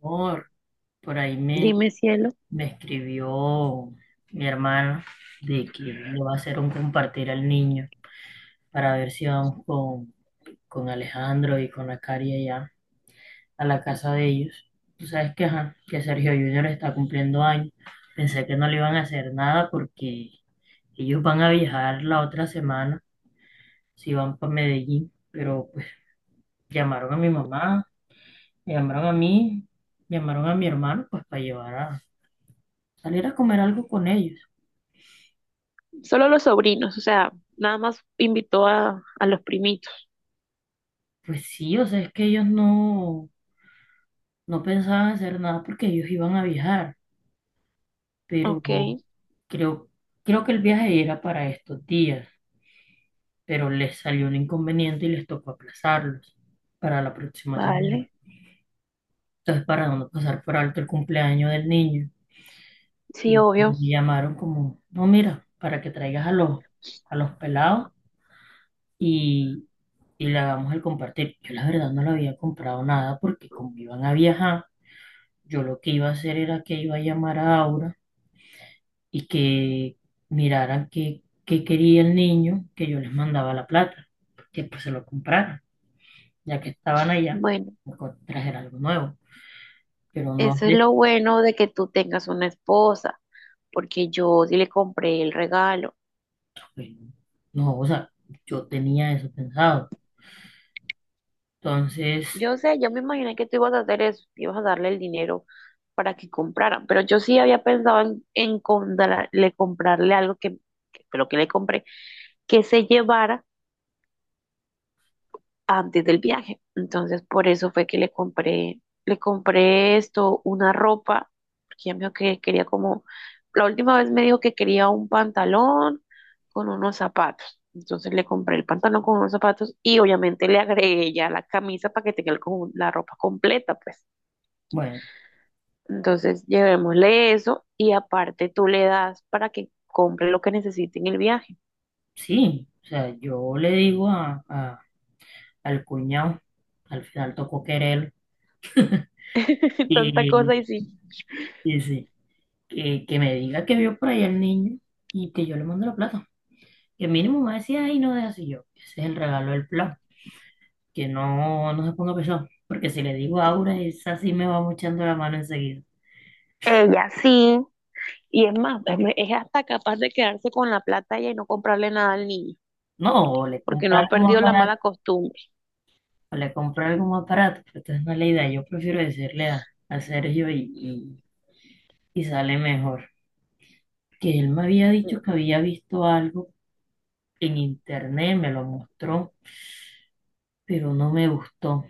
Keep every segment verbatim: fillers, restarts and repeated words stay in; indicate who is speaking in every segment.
Speaker 1: Por, por ahí me,
Speaker 2: Dime, cielo.
Speaker 1: me escribió mi hermana de que le va a hacer un compartir al niño para ver si vamos con, con Alejandro y con la Cari allá a la casa de ellos. Tú sabes que, ajá, que Sergio Junior está cumpliendo años. Pensé que no le iban a hacer nada porque ellos van a viajar la otra semana si van para Medellín. Pero pues llamaron a mi mamá, me llamaron a mí, llamaron a mi hermano pues para llevar a salir a comer algo con ellos.
Speaker 2: Solo los sobrinos, o sea, nada más invitó a, a los primitos.
Speaker 1: Pues sí, o sea, es que ellos no, no pensaban hacer nada porque ellos iban a viajar, pero
Speaker 2: Ok,
Speaker 1: creo, creo que el viaje era para estos días, pero les salió un inconveniente y les tocó aplazarlos para la próxima semana.
Speaker 2: vale.
Speaker 1: Entonces, para no pasar por alto el cumpleaños del niño, y
Speaker 2: Sí, obvio.
Speaker 1: me llamaron como, no, mira, para que traigas a los, a los pelados y, y le hagamos el compartir. Yo la verdad no le había comprado nada porque como iban a viajar, yo lo que iba a hacer era que iba a llamar a Aura y que miraran qué, qué quería el niño, que yo les mandaba la plata, que pues se lo compraran, ya que estaban allá,
Speaker 2: Bueno,
Speaker 1: me co- trajer algo nuevo, pero no
Speaker 2: eso es
Speaker 1: sé,
Speaker 2: lo bueno de que tú tengas una esposa, porque yo sí le compré el regalo.
Speaker 1: pues, no, o sea, yo tenía eso pensado. Entonces,
Speaker 2: Yo sé, yo me imaginé que tú ibas a hacer eso, que ibas a darle el dinero para que compraran, pero yo sí había pensado en, en comprarle comprarle algo que, que fue lo que le compré, que se llevara antes del viaje. Entonces, por eso fue que le compré, le compré esto, una ropa, porque ella me dijo que quería como, la última vez me dijo que quería un pantalón con unos zapatos. Entonces le compré el pantalón con unos zapatos y obviamente le agregué ya la camisa para que tenga el co- la ropa completa, pues.
Speaker 1: bueno,
Speaker 2: Entonces, llevémosle eso y aparte tú le das para que compre lo que necesite en el viaje.
Speaker 1: sí, o sea, yo le digo a, a- al cuñado, al final tocó querer,
Speaker 2: Tanta
Speaker 1: y,
Speaker 2: cosa y sí,
Speaker 1: y sí, que, que me diga que vio por ahí al niño y que yo le mando la plata. Que mínimo me decía, ay, no es así yo. Ese es el regalo del plan. Que no, no se ponga pesado, porque si le digo a Aura, esa sí me va muchando la mano enseguida.
Speaker 2: ella sí. Y es más, es es hasta capaz de quedarse con la plata ella y no comprarle nada al niño,
Speaker 1: No, o le
Speaker 2: porque no
Speaker 1: compra
Speaker 2: ha
Speaker 1: algo más
Speaker 2: perdido la mala
Speaker 1: barato,
Speaker 2: costumbre.
Speaker 1: o le compra algo más barato, pero entonces no es la idea, yo prefiero decirle a, a Sergio y, y, y sale mejor. Que él me había dicho que había visto algo en internet, me lo mostró, pero no me gustó.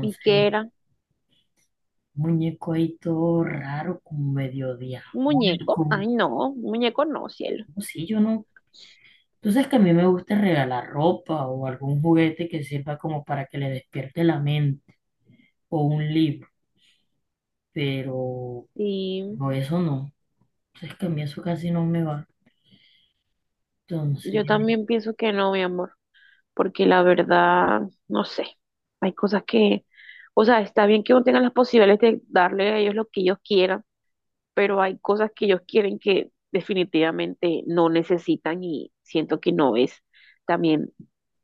Speaker 2: ¿Y qué era?
Speaker 1: muñeco ahí todo raro, como medio
Speaker 2: ¿Un muñeco?
Speaker 1: diabólico.
Speaker 2: Ay, no, un muñeco no, cielo.
Speaker 1: No, sí, yo no. Tú sabes que a mí me gusta regalar ropa o algún juguete que sirva como para que le despierte la mente o un libro, pero
Speaker 2: Y
Speaker 1: no, eso no. Entonces que a mí eso casi no me va. Entonces,
Speaker 2: yo también pienso que no, mi amor, porque la verdad, no sé, hay cosas que, o sea, está bien que uno tenga las posibilidades de darle a ellos lo que ellos quieran, pero hay cosas que ellos quieren que definitivamente no necesitan y siento que no es también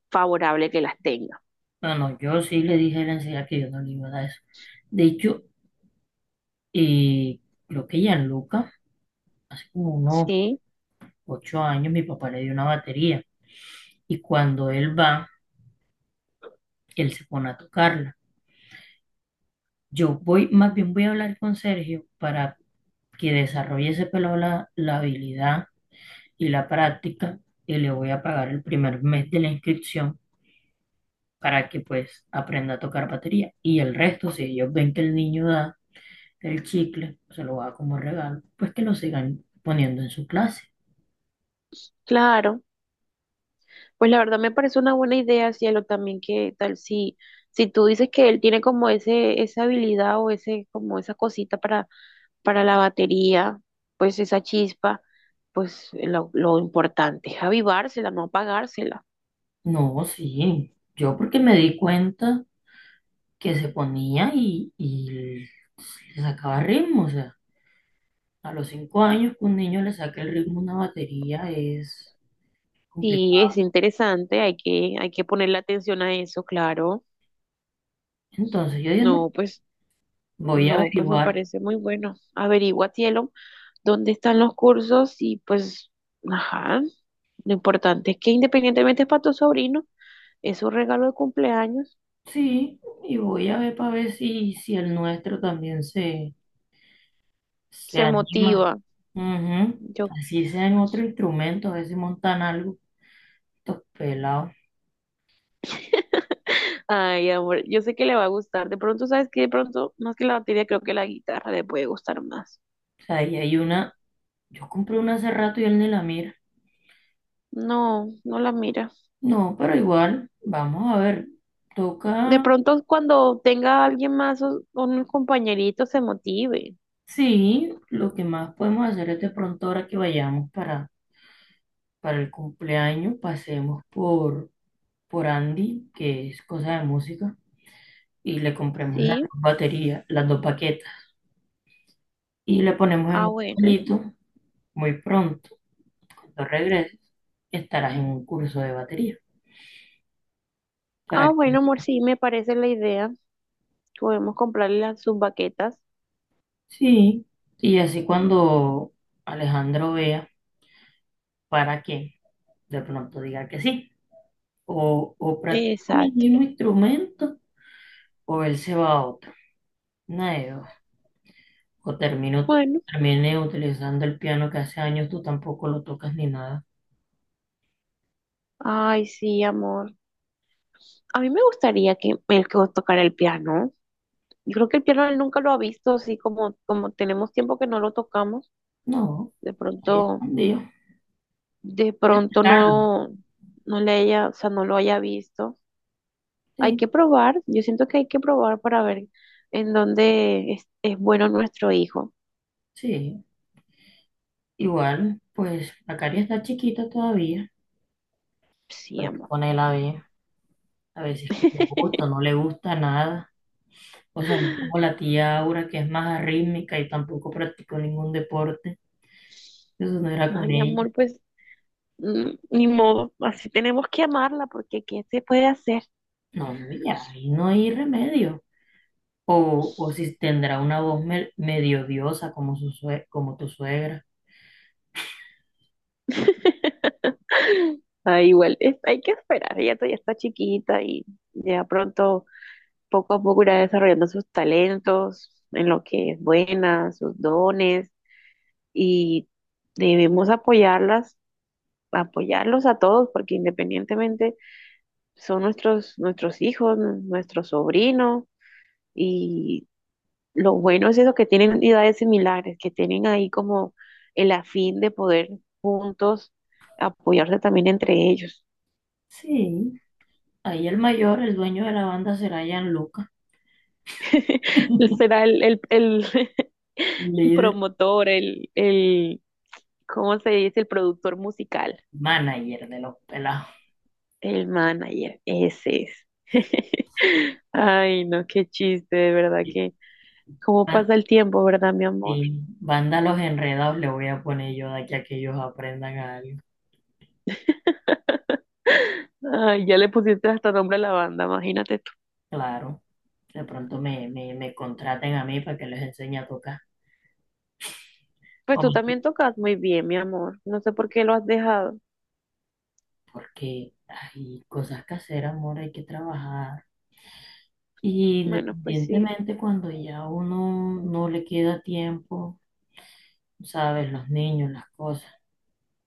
Speaker 2: favorable que las tenga.
Speaker 1: bueno, yo sí le dije a él enseguida que yo no le iba a dar eso. De hecho, eh, creo que Gianluca, hace como unos
Speaker 2: Sí,
Speaker 1: ocho años, mi papá le dio una batería y cuando él va, él se pone a tocarla. Yo voy, más bien voy a hablar con Sergio para que desarrolle ese pelado la la habilidad y la práctica y le voy a pagar el primer mes de la inscripción para que pues aprenda a tocar batería. Y el resto, si ellos ven que el niño da el chicle, se lo da como regalo, pues que lo sigan poniendo en su clase.
Speaker 2: claro. Pues la verdad me parece una buena idea, cielo, también que tal si, si tú dices que él tiene como ese, esa habilidad o ese, como esa cosita para, para la batería, pues esa chispa, pues lo, lo importante es avivársela, no apagársela.
Speaker 1: No, sí, yo porque me di cuenta que se ponía y, y le sacaba ritmo, o sea, a los cinco años que un niño le saque el ritmo a una batería es
Speaker 2: Sí, es
Speaker 1: complicado.
Speaker 2: interesante, hay que, hay que ponerle atención a eso, claro.
Speaker 1: Entonces yo dije, no,
Speaker 2: No, pues
Speaker 1: voy a
Speaker 2: no, pues me
Speaker 1: averiguar.
Speaker 2: parece muy bueno. Averigua, cielo, dónde están los cursos y pues, ajá, lo importante es que independientemente es para tu sobrino, es un regalo de cumpleaños,
Speaker 1: Sí, y voy a ver para ver si, si el nuestro también se, se
Speaker 2: se
Speaker 1: anima.
Speaker 2: motiva.
Speaker 1: Ujú.
Speaker 2: Yo,
Speaker 1: Así sea en otro instrumento, a ver si montan algo. Estos pelados.
Speaker 2: ay, amor, yo sé que le va a gustar. De pronto, ¿sabes qué? De pronto, más que la batería, creo que la guitarra le puede gustar más.
Speaker 1: O sea, ahí hay una. Yo compré una hace rato y él ni la mira.
Speaker 2: No, no la mira.
Speaker 1: No, pero igual, vamos a ver.
Speaker 2: De
Speaker 1: Toca.
Speaker 2: pronto, cuando tenga a alguien más o o un compañerito, se motive.
Speaker 1: Sí, lo que más podemos hacer es de pronto ahora que vayamos para, para el cumpleaños, pasemos por, por Andy, que es cosa de música, y le compremos las
Speaker 2: ¿Sí?
Speaker 1: dos baterías, las dos baquetas. Y le ponemos en
Speaker 2: Ah,
Speaker 1: un
Speaker 2: bueno.
Speaker 1: palito, muy pronto, cuando regreses, estarás en un curso de batería. ¿Para
Speaker 2: Ah, bueno,
Speaker 1: qué?
Speaker 2: amor, sí, me parece la idea. Podemos comprarle las, sus baquetas.
Speaker 1: Sí, y así cuando Alejandro vea para qué, de pronto diga que sí. O, o practican el
Speaker 2: Exacto.
Speaker 1: mismo instrumento o él se va a otro. Una de dos. O termino,
Speaker 2: Bueno,
Speaker 1: Termine utilizando el piano que hace años tú tampoco lo tocas ni nada.
Speaker 2: ay, sí, amor. A mí me gustaría que él que tocara el piano. Yo creo que el piano él nunca lo ha visto, así como, como tenemos tiempo que no lo tocamos.
Speaker 1: No,
Speaker 2: De
Speaker 1: ahí
Speaker 2: pronto,
Speaker 1: escondido.
Speaker 2: de pronto
Speaker 1: Claro,
Speaker 2: no, no le haya, o sea, no lo haya visto. Hay
Speaker 1: sí,
Speaker 2: que probar. Yo siento que hay que probar para ver en dónde es, es bueno nuestro hijo.
Speaker 1: sí. Igual, pues la cari está chiquita todavía.
Speaker 2: Sí,
Speaker 1: Pero es que
Speaker 2: amor.
Speaker 1: con a ver, a veces que le gusta, no le gusta nada. O sea, no como la tía Aura, que es más arrítmica y tampoco practicó ningún deporte, eso no era con
Speaker 2: Ay,
Speaker 1: ella.
Speaker 2: amor, pues mm, ni modo, así tenemos que amarla porque ¿qué se puede hacer?
Speaker 1: No, ya, ahí no hay remedio. O, o si tendrá una voz me- medio diosa como, su sue- como tu suegra.
Speaker 2: Ah, igual, es- hay que esperar, ella todavía está chiquita y ya pronto, poco a poco irá desarrollando sus talentos, en lo que es buena, sus dones, y debemos apoyarlas, apoyarlos a todos, porque independientemente son nuestros, nuestros hijos, nuestros sobrinos, y lo bueno es eso, que tienen edades similares, que tienen ahí como el afín de poder juntos apoyarse también entre ellos.
Speaker 1: Sí, ahí el mayor, el dueño de la banda será Gianluca,
Speaker 2: Será el, el, el, el
Speaker 1: líder,
Speaker 2: promotor, el, el, ¿cómo se dice? El productor musical,
Speaker 1: manager de los pelados.
Speaker 2: el manager, ese es. Ay, no, qué chiste, de verdad
Speaker 1: Y
Speaker 2: que, ¿cómo
Speaker 1: ban-
Speaker 2: pasa el tiempo, verdad, mi amor?
Speaker 1: y banda Los Enredados le voy a poner yo de aquí a que ellos aprendan algo.
Speaker 2: Ay, ya le pusiste hasta nombre a la banda, imagínate.
Speaker 1: Claro, de pronto me, me, me contraten a mí para que les enseñe a tocar.
Speaker 2: Pues tú
Speaker 1: Hombre,
Speaker 2: también tocas muy bien, mi amor. No sé por qué lo has dejado.
Speaker 1: porque hay cosas que hacer, amor, hay que trabajar. Y
Speaker 2: Bueno, pues sí,
Speaker 1: independientemente cuando ya uno no le queda tiempo, sabes, los niños, las cosas,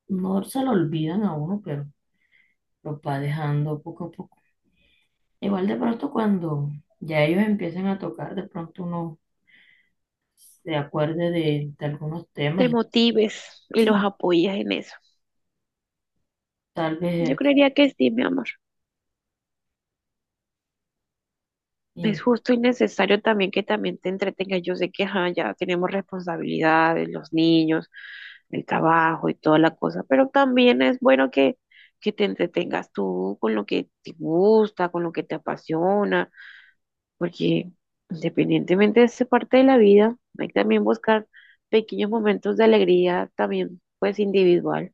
Speaker 1: no se lo olvidan a uno, pero lo va dejando poco a poco. Igual de pronto cuando ya ellos empiecen a tocar, de pronto uno se acuerde de, de algunos
Speaker 2: te
Speaker 1: temas y
Speaker 2: motives y los
Speaker 1: sí,
Speaker 2: apoyas en eso.
Speaker 1: tal vez
Speaker 2: Yo
Speaker 1: eso.
Speaker 2: creería que sí, mi amor.
Speaker 1: Y
Speaker 2: Es justo y necesario también que también te entretengas. Yo sé que ajá, ya tenemos responsabilidades, los niños, el trabajo y toda la cosa, pero también es bueno que, que te entretengas tú con lo que te gusta, con lo que te apasiona, porque independientemente de esa parte de la vida, hay que también buscar pequeños momentos de alegría, también pues individual,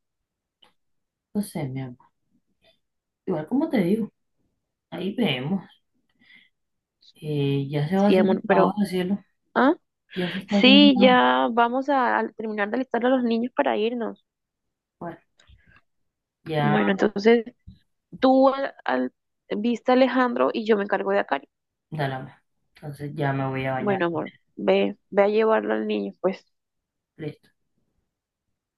Speaker 1: entonces, mi amor, igual como te digo. Ahí vemos. Eh, ya se va
Speaker 2: sí,
Speaker 1: haciendo
Speaker 2: amor,
Speaker 1: la
Speaker 2: pero...
Speaker 1: hora, cielo.
Speaker 2: Ah,
Speaker 1: Ya se está haciendo
Speaker 2: sí,
Speaker 1: la hora.
Speaker 2: ya vamos a, a terminar de alistar a los niños para irnos.
Speaker 1: Bueno, ya,
Speaker 2: Bueno, entonces tú al, al- viste a Alejandro y yo me encargo de acá.
Speaker 1: dale. Entonces ya me voy a bañar.
Speaker 2: Bueno, amor, ve, ve a llevarlo al niño, pues.
Speaker 1: Listo.